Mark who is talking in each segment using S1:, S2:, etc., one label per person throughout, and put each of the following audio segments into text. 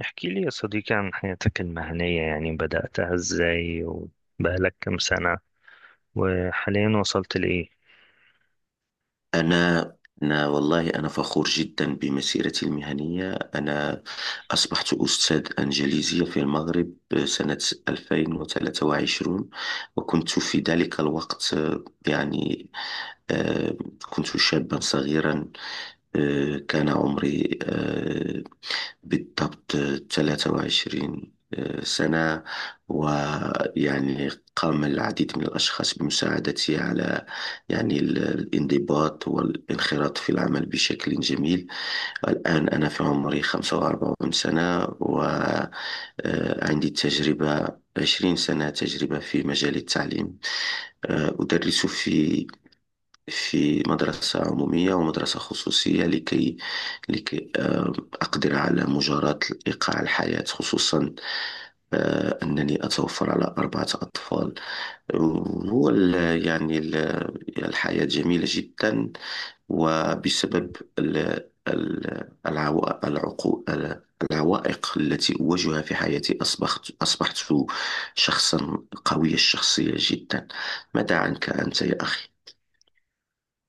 S1: احكي لي يا صديقي عن حياتك المهنية، يعني بدأتها ازاي وبقالك كم سنة وحاليا وصلت لإيه؟
S2: أنا أنا والله أنا فخور جدا بمسيرتي المهنية. أنا أصبحت أستاذ إنجليزية في المغرب سنة 2023. وكنت في ذلك الوقت يعني آه، كنت شابا صغيرا. كان عمري بالضبط 23 سنة. ويعني قام العديد من الأشخاص بمساعدتي على يعني الانضباط والانخراط في العمل بشكل جميل. الآن أنا في عمري 45 سنة، وعندي تجربة 20 سنة تجربة في مجال التعليم. أدرس في مدرسة عمومية ومدرسة خصوصية، لكي لكي آه، أقدر على مجاراة إيقاع الحياة، خصوصا أنني أتوفر على أربعة أطفال. هو ال- يعني ال- الحياة جميلة جدا. وبسبب العوائق التي أواجهها في حياتي، أصبحت شخصا قوي الشخصية جدا. ماذا عنك أنت يا أخي؟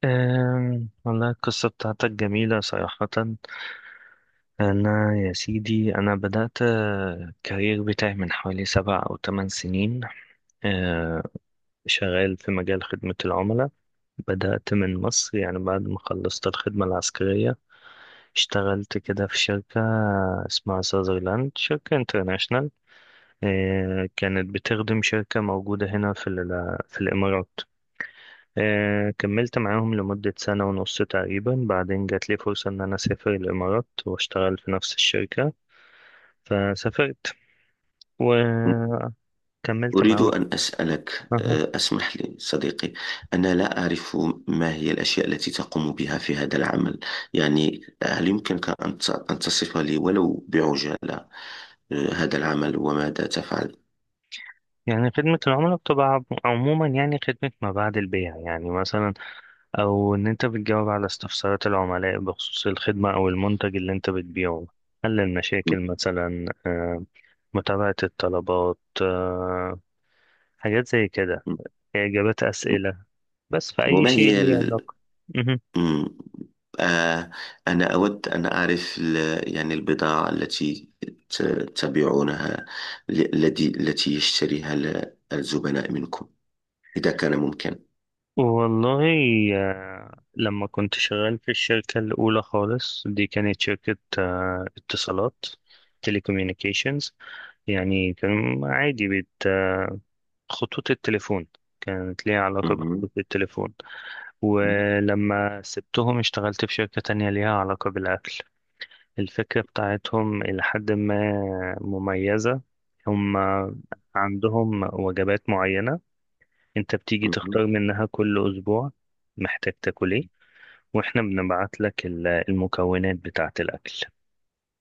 S1: والله القصة بتاعتك جميلة صراحة. أنا يا سيدي، بدأت الكارير بتاعي من حوالي سبع أو تمن سنين. آه، شغال في مجال خدمة العملاء. بدأت من مصر، يعني بعد ما خلصت الخدمة العسكرية اشتغلت كده في شركة اسمها ساذرلاند، شركة انترناشونال. كانت بتخدم شركة موجودة هنا في الإمارات. كملت معاهم لمدة سنة ونص تقريبا، بعدين جات لي فرصة إن أنا أسافر الإمارات وأشتغل في نفس الشركة، فسافرت وكملت
S2: أريد
S1: معاهم.
S2: أن أسألك،
S1: أها.
S2: اسمح لي صديقي، أنا لا أعرف ما هي الأشياء التي تقوم بها في هذا العمل. يعني هل يمكنك أن تصف لي ولو بعجالة هذا العمل وماذا تفعل.
S1: يعني خدمة العملاء بتبقى عموما، يعني خدمة ما بعد البيع، يعني مثلا أو إن أنت بتجاوب على استفسارات العملاء بخصوص الخدمة أو المنتج اللي أنت بتبيعه، حل
S2: م-.
S1: المشاكل مثلا، متابعة الطلبات، حاجات زي كده، إجابات
S2: م-.
S1: أسئلة، بس في أي
S2: وما
S1: شيء
S2: هي
S1: ليه
S2: ال...
S1: علاقة. مهم.
S2: م-. آه، أنا أود أن أعرف يعني البضاعة التي ت- تبيعونها التي يشتريها الزبناء منكم، إذا كان ممكن.
S1: والله لما كنت شغال في الشركة الأولى خالص، دي كانت شركة اتصالات، تليكوميونيكيشنز. يعني كان عادي بت آه، خطوط التليفون، كانت ليها علاقة
S2: مهم.
S1: بخطوط التليفون. ولما سبتهم اشتغلت في شركة تانية ليها علاقة بالأكل. الفكرة بتاعتهم إلى حد ما مميزة. هم عندهم وجبات معينة، أنت بتيجي
S2: مهم.
S1: تختار منها كل أسبوع محتاج تاكل إيه، وإحنا بنبعت لك المكونات بتاعة الأكل،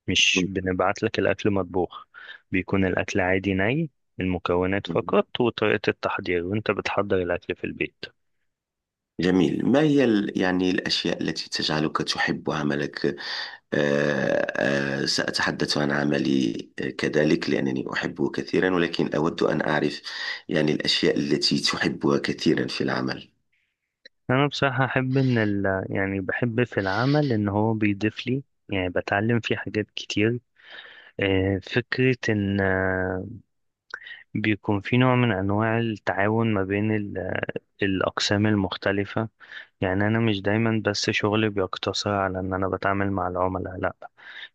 S1: مش بنبعت لك الأكل مطبوخ. بيكون الأكل عادي ني، المكونات
S2: مم.
S1: فقط وطريقة التحضير، وأنت بتحضر الأكل في البيت.
S2: جميل. ما هي يعني الأشياء التي تجعلك تحب عملك؟ سأتحدث عن عملي كذلك لأنني أحبه كثيرا، ولكن أود أن أعرف يعني الأشياء التي تحبها كثيرا في العمل.
S1: أنا بصراحة أحب إن يعني بحب في العمل إن هو بيضيف لي، يعني بتعلم فيه حاجات كتير. فكرة إن بيكون في نوع من أنواع التعاون ما بين الأقسام المختلفة. يعني أنا مش دايما بس شغلي بيقتصر على إن أنا بتعامل مع العملاء، لأ،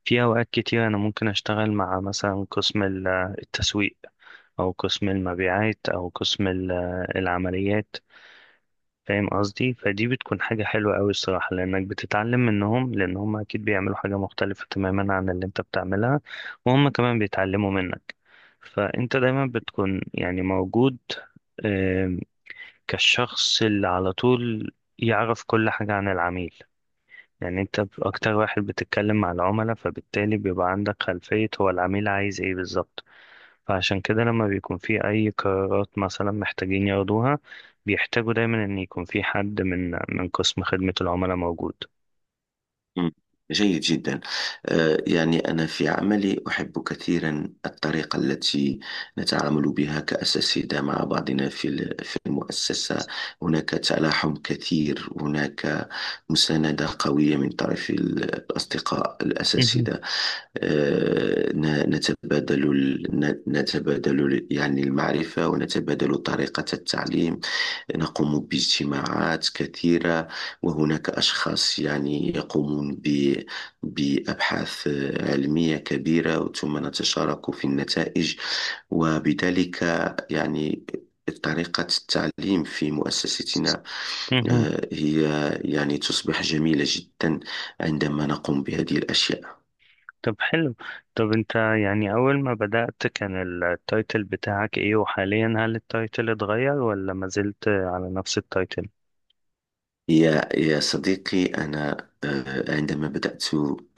S1: في أوقات كتير أنا ممكن أشتغل مع مثلا قسم التسويق، أو قسم المبيعات، أو قسم العمليات. فاهم قصدي؟ فدي بتكون حاجة حلوة أوي الصراحة، لأنك بتتعلم منهم، لأن هم أكيد بيعملوا حاجة مختلفة تماما عن اللي أنت بتعملها، وهم كمان بيتعلموا منك. فأنت دايما بتكون يعني موجود آم، كالشخص اللي على طول يعرف كل حاجة عن العميل. يعني أنت أكتر واحد بتتكلم مع العملاء، فبالتالي بيبقى عندك خلفية هو العميل عايز إيه بالظبط. فعشان كده لما بيكون في أي قرارات مثلا محتاجين ياخدوها، بيحتاجوا دايما إن يكون في حد من قسم خدمة العملاء موجود.
S2: مم. جيد جدا. يعني أنا في عملي أحب كثيرا الطريقة التي نتعامل بها كأساتذة مع بعضنا في المؤسسة. هناك تلاحم كثير، هناك مساندة قوية من طرف الأصدقاء
S1: مهم.
S2: الأساتذة. نتبادل المعرفة، ونتبادل طريقة التعليم. نقوم باجتماعات كثيرة، وهناك أشخاص يعني يقومون بأبحاث علمية كبيرة، ثم نتشارك في النتائج. وبذلك يعني طريقة التعليم في مؤسستنا
S1: مهم.
S2: هي يعني تصبح جميلة جدا عندما نقوم بهذه الأشياء.
S1: طب حلو. طب أنت يعني أول ما بدأت كان التايتل بتاعك إيه، وحاليا هل التايتل اتغير ولا ما زلت على نفس التايتل؟
S2: يا صديقي، أنا عندما بدأت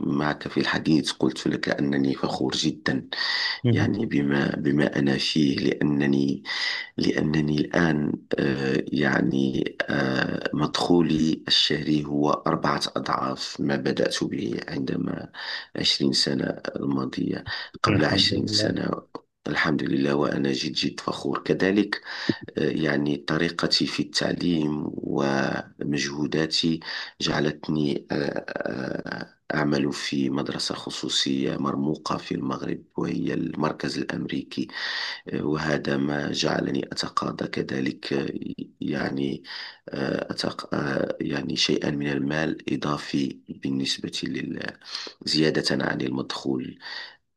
S2: معك في الحديث قلت لك أنني فخور جدا
S1: مهم.
S2: يعني بما أنا فيه. لأنني الآن آه، يعني مدخولي الشهري هو أربعة أضعاف ما بدأت به، عندما، 20 سنة الماضية، قبل
S1: الحمد
S2: عشرين
S1: لله.
S2: سنة الحمد لله، وأنا جد جد فخور كذلك. يعني طريقتي في التعليم ومجهوداتي جعلتني أعمل في مدرسة خصوصية مرموقة في المغرب، وهي المركز الأمريكي. وهذا ما جعلني أتقاضى كذلك آه، يعني آه، أتق... آه، يعني شيئا من المال إضافي بالنسبة زيادة عن المدخول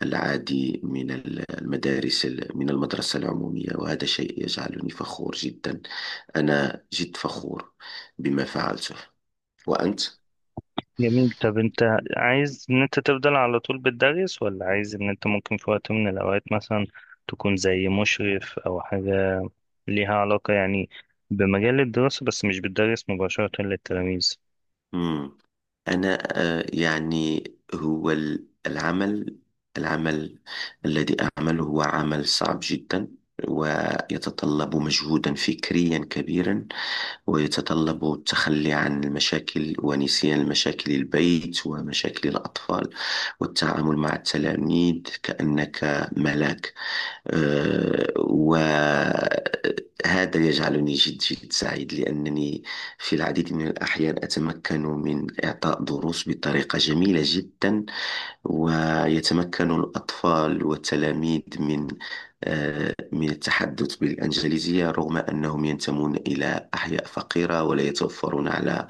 S2: العادي من المدارس، من المدرسة العمومية. وهذا شيء يجعلني فخور جدا، أنا جد فخور بما فعلته. وأنت؟
S1: جميل. طب أنت عايز إن أنت تفضل على طول بتدرس، ولا عايز إن أنت ممكن في وقت من الأوقات مثلا تكون زي مشرف أو حاجة ليها علاقة يعني بمجال الدراسة بس مش بتدرس مباشرة للتلاميذ؟
S2: مم. أنا يعني هو ال- العمل العمل الذي أعمله هو عمل صعب جدا، ويتطلب مجهودا فكريا كبيرا، ويتطلب التخلي عن المشاكل ونسيان المشاكل البيت ومشاكل الأطفال، والتعامل مع التلاميذ كأنك ملاك. وهذا يجعلني جد جد سعيد، لأنني في العديد من الأحيان أتمكن من إعطاء دروس بطريقة جميلة جدا. ويتمكن الأطفال والتلاميذ من من التحدث بالإنجليزية، رغم أنهم ينتمون إلى أحياء فقيرة ولا يتوفرون على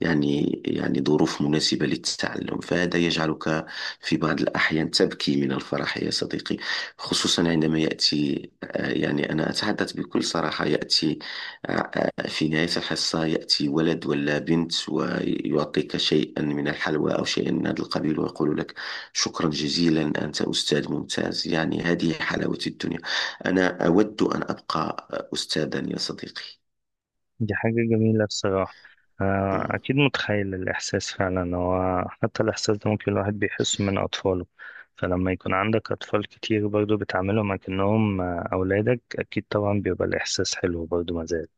S2: يعني ظروف مناسبة للتعلم. فهذا يجعلك في بعض الأحيان تبكي من الفرح يا صديقي. خصوصا عندما يأتي يعني، أنا أتحدث بكل صراحة، يأتي في نهاية الحصة يأتي ولد ولا بنت ويعطيك شيئا من الحلوى أو شيئا من هذا القبيل، ويقول لك شكرا جزيلا، أنت أستاذ ممتاز. يعني هذه حلاوة الدنيا. أنا أود أن أبقى أستاذا يا صديقي.
S1: دي حاجة جميلة الصراحة.
S2: مم.
S1: أكيد متخيل الإحساس فعلا، هو حتى الإحساس ده ممكن الواحد بيحسه من أطفاله. فلما يكون عندك أطفال كتير برضه بتعاملهم أكنهم أولادك، أكيد طبعا بيبقى الإحساس حلو برضه مازال.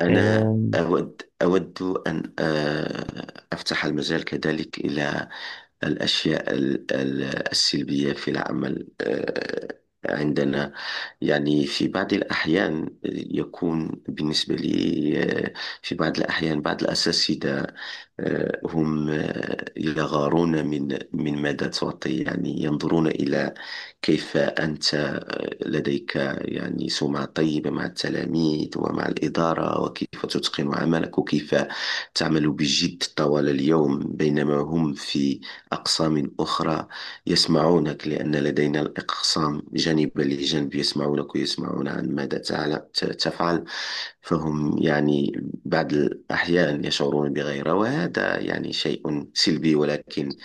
S2: أنا
S1: آه،
S2: أود أن أفتح المجال كذلك إلى الأشياء السلبية في العمل عندنا. يعني في بعض الأحيان يكون بالنسبة لي آه، في بعض الأحيان بعض الأساتذة هم يغارون من ماذا تعطي. يعني ينظرون إلى كيف أنت لديك يعني سمعة طيبة مع التلاميذ ومع الإدارة، وكيف تتقن عملك، وكيف تعمل بجد طوال اليوم، بينما هم في أقسام أخرى يسمعونك، لأن لدينا الأقسام جانبا لجانب، يسمعونك ويسمعون عن ماذا تفعل. فهم يعني بعض الأحيان يشعرون بغيرة، وهذا يعني شيء سلبي، ولكن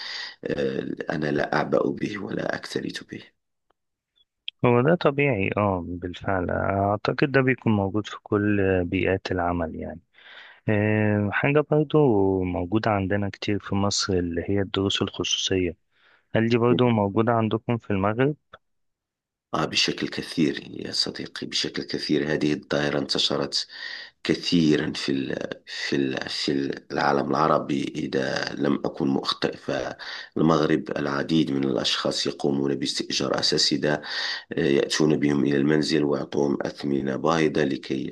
S2: أنا لا أعبأ به ولا أكترث به.
S1: هو ده طبيعي، اه بالفعل، أعتقد ده بيكون موجود في كل بيئات العمل يعني. حاجة برضو موجودة عندنا كتير في مصر اللي هي الدروس الخصوصية، هل دي برضو موجودة عندكم في المغرب؟
S2: بشكل كثير يا صديقي، بشكل كثير. هذه الظاهرة انتشرت كثيرا في العالم العربي. إذا لم أكن مخطئ فالمغرب، العديد من الأشخاص يقومون باستئجار أساسدة يأتون بهم إلى المنزل، ويعطوهم أثمنة باهظة لكي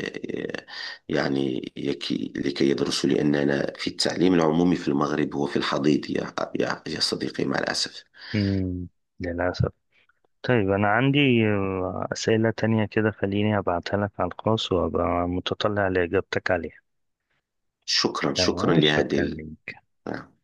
S2: آه، يعني يكي لكي يدرسوا. لأننا في التعليم العمومي في المغرب هو في الحضيض، يا صديقي، مع الأسف.
S1: مم، للأسف. طيب أنا عندي أسئلة تانية كده، خليني أبعتها لك على الخاص وأبقى متطلع لإجابتك عليها.
S2: شكرا شكرا
S1: تمام،
S2: لهذه
S1: شكرا لك.
S2: نعم.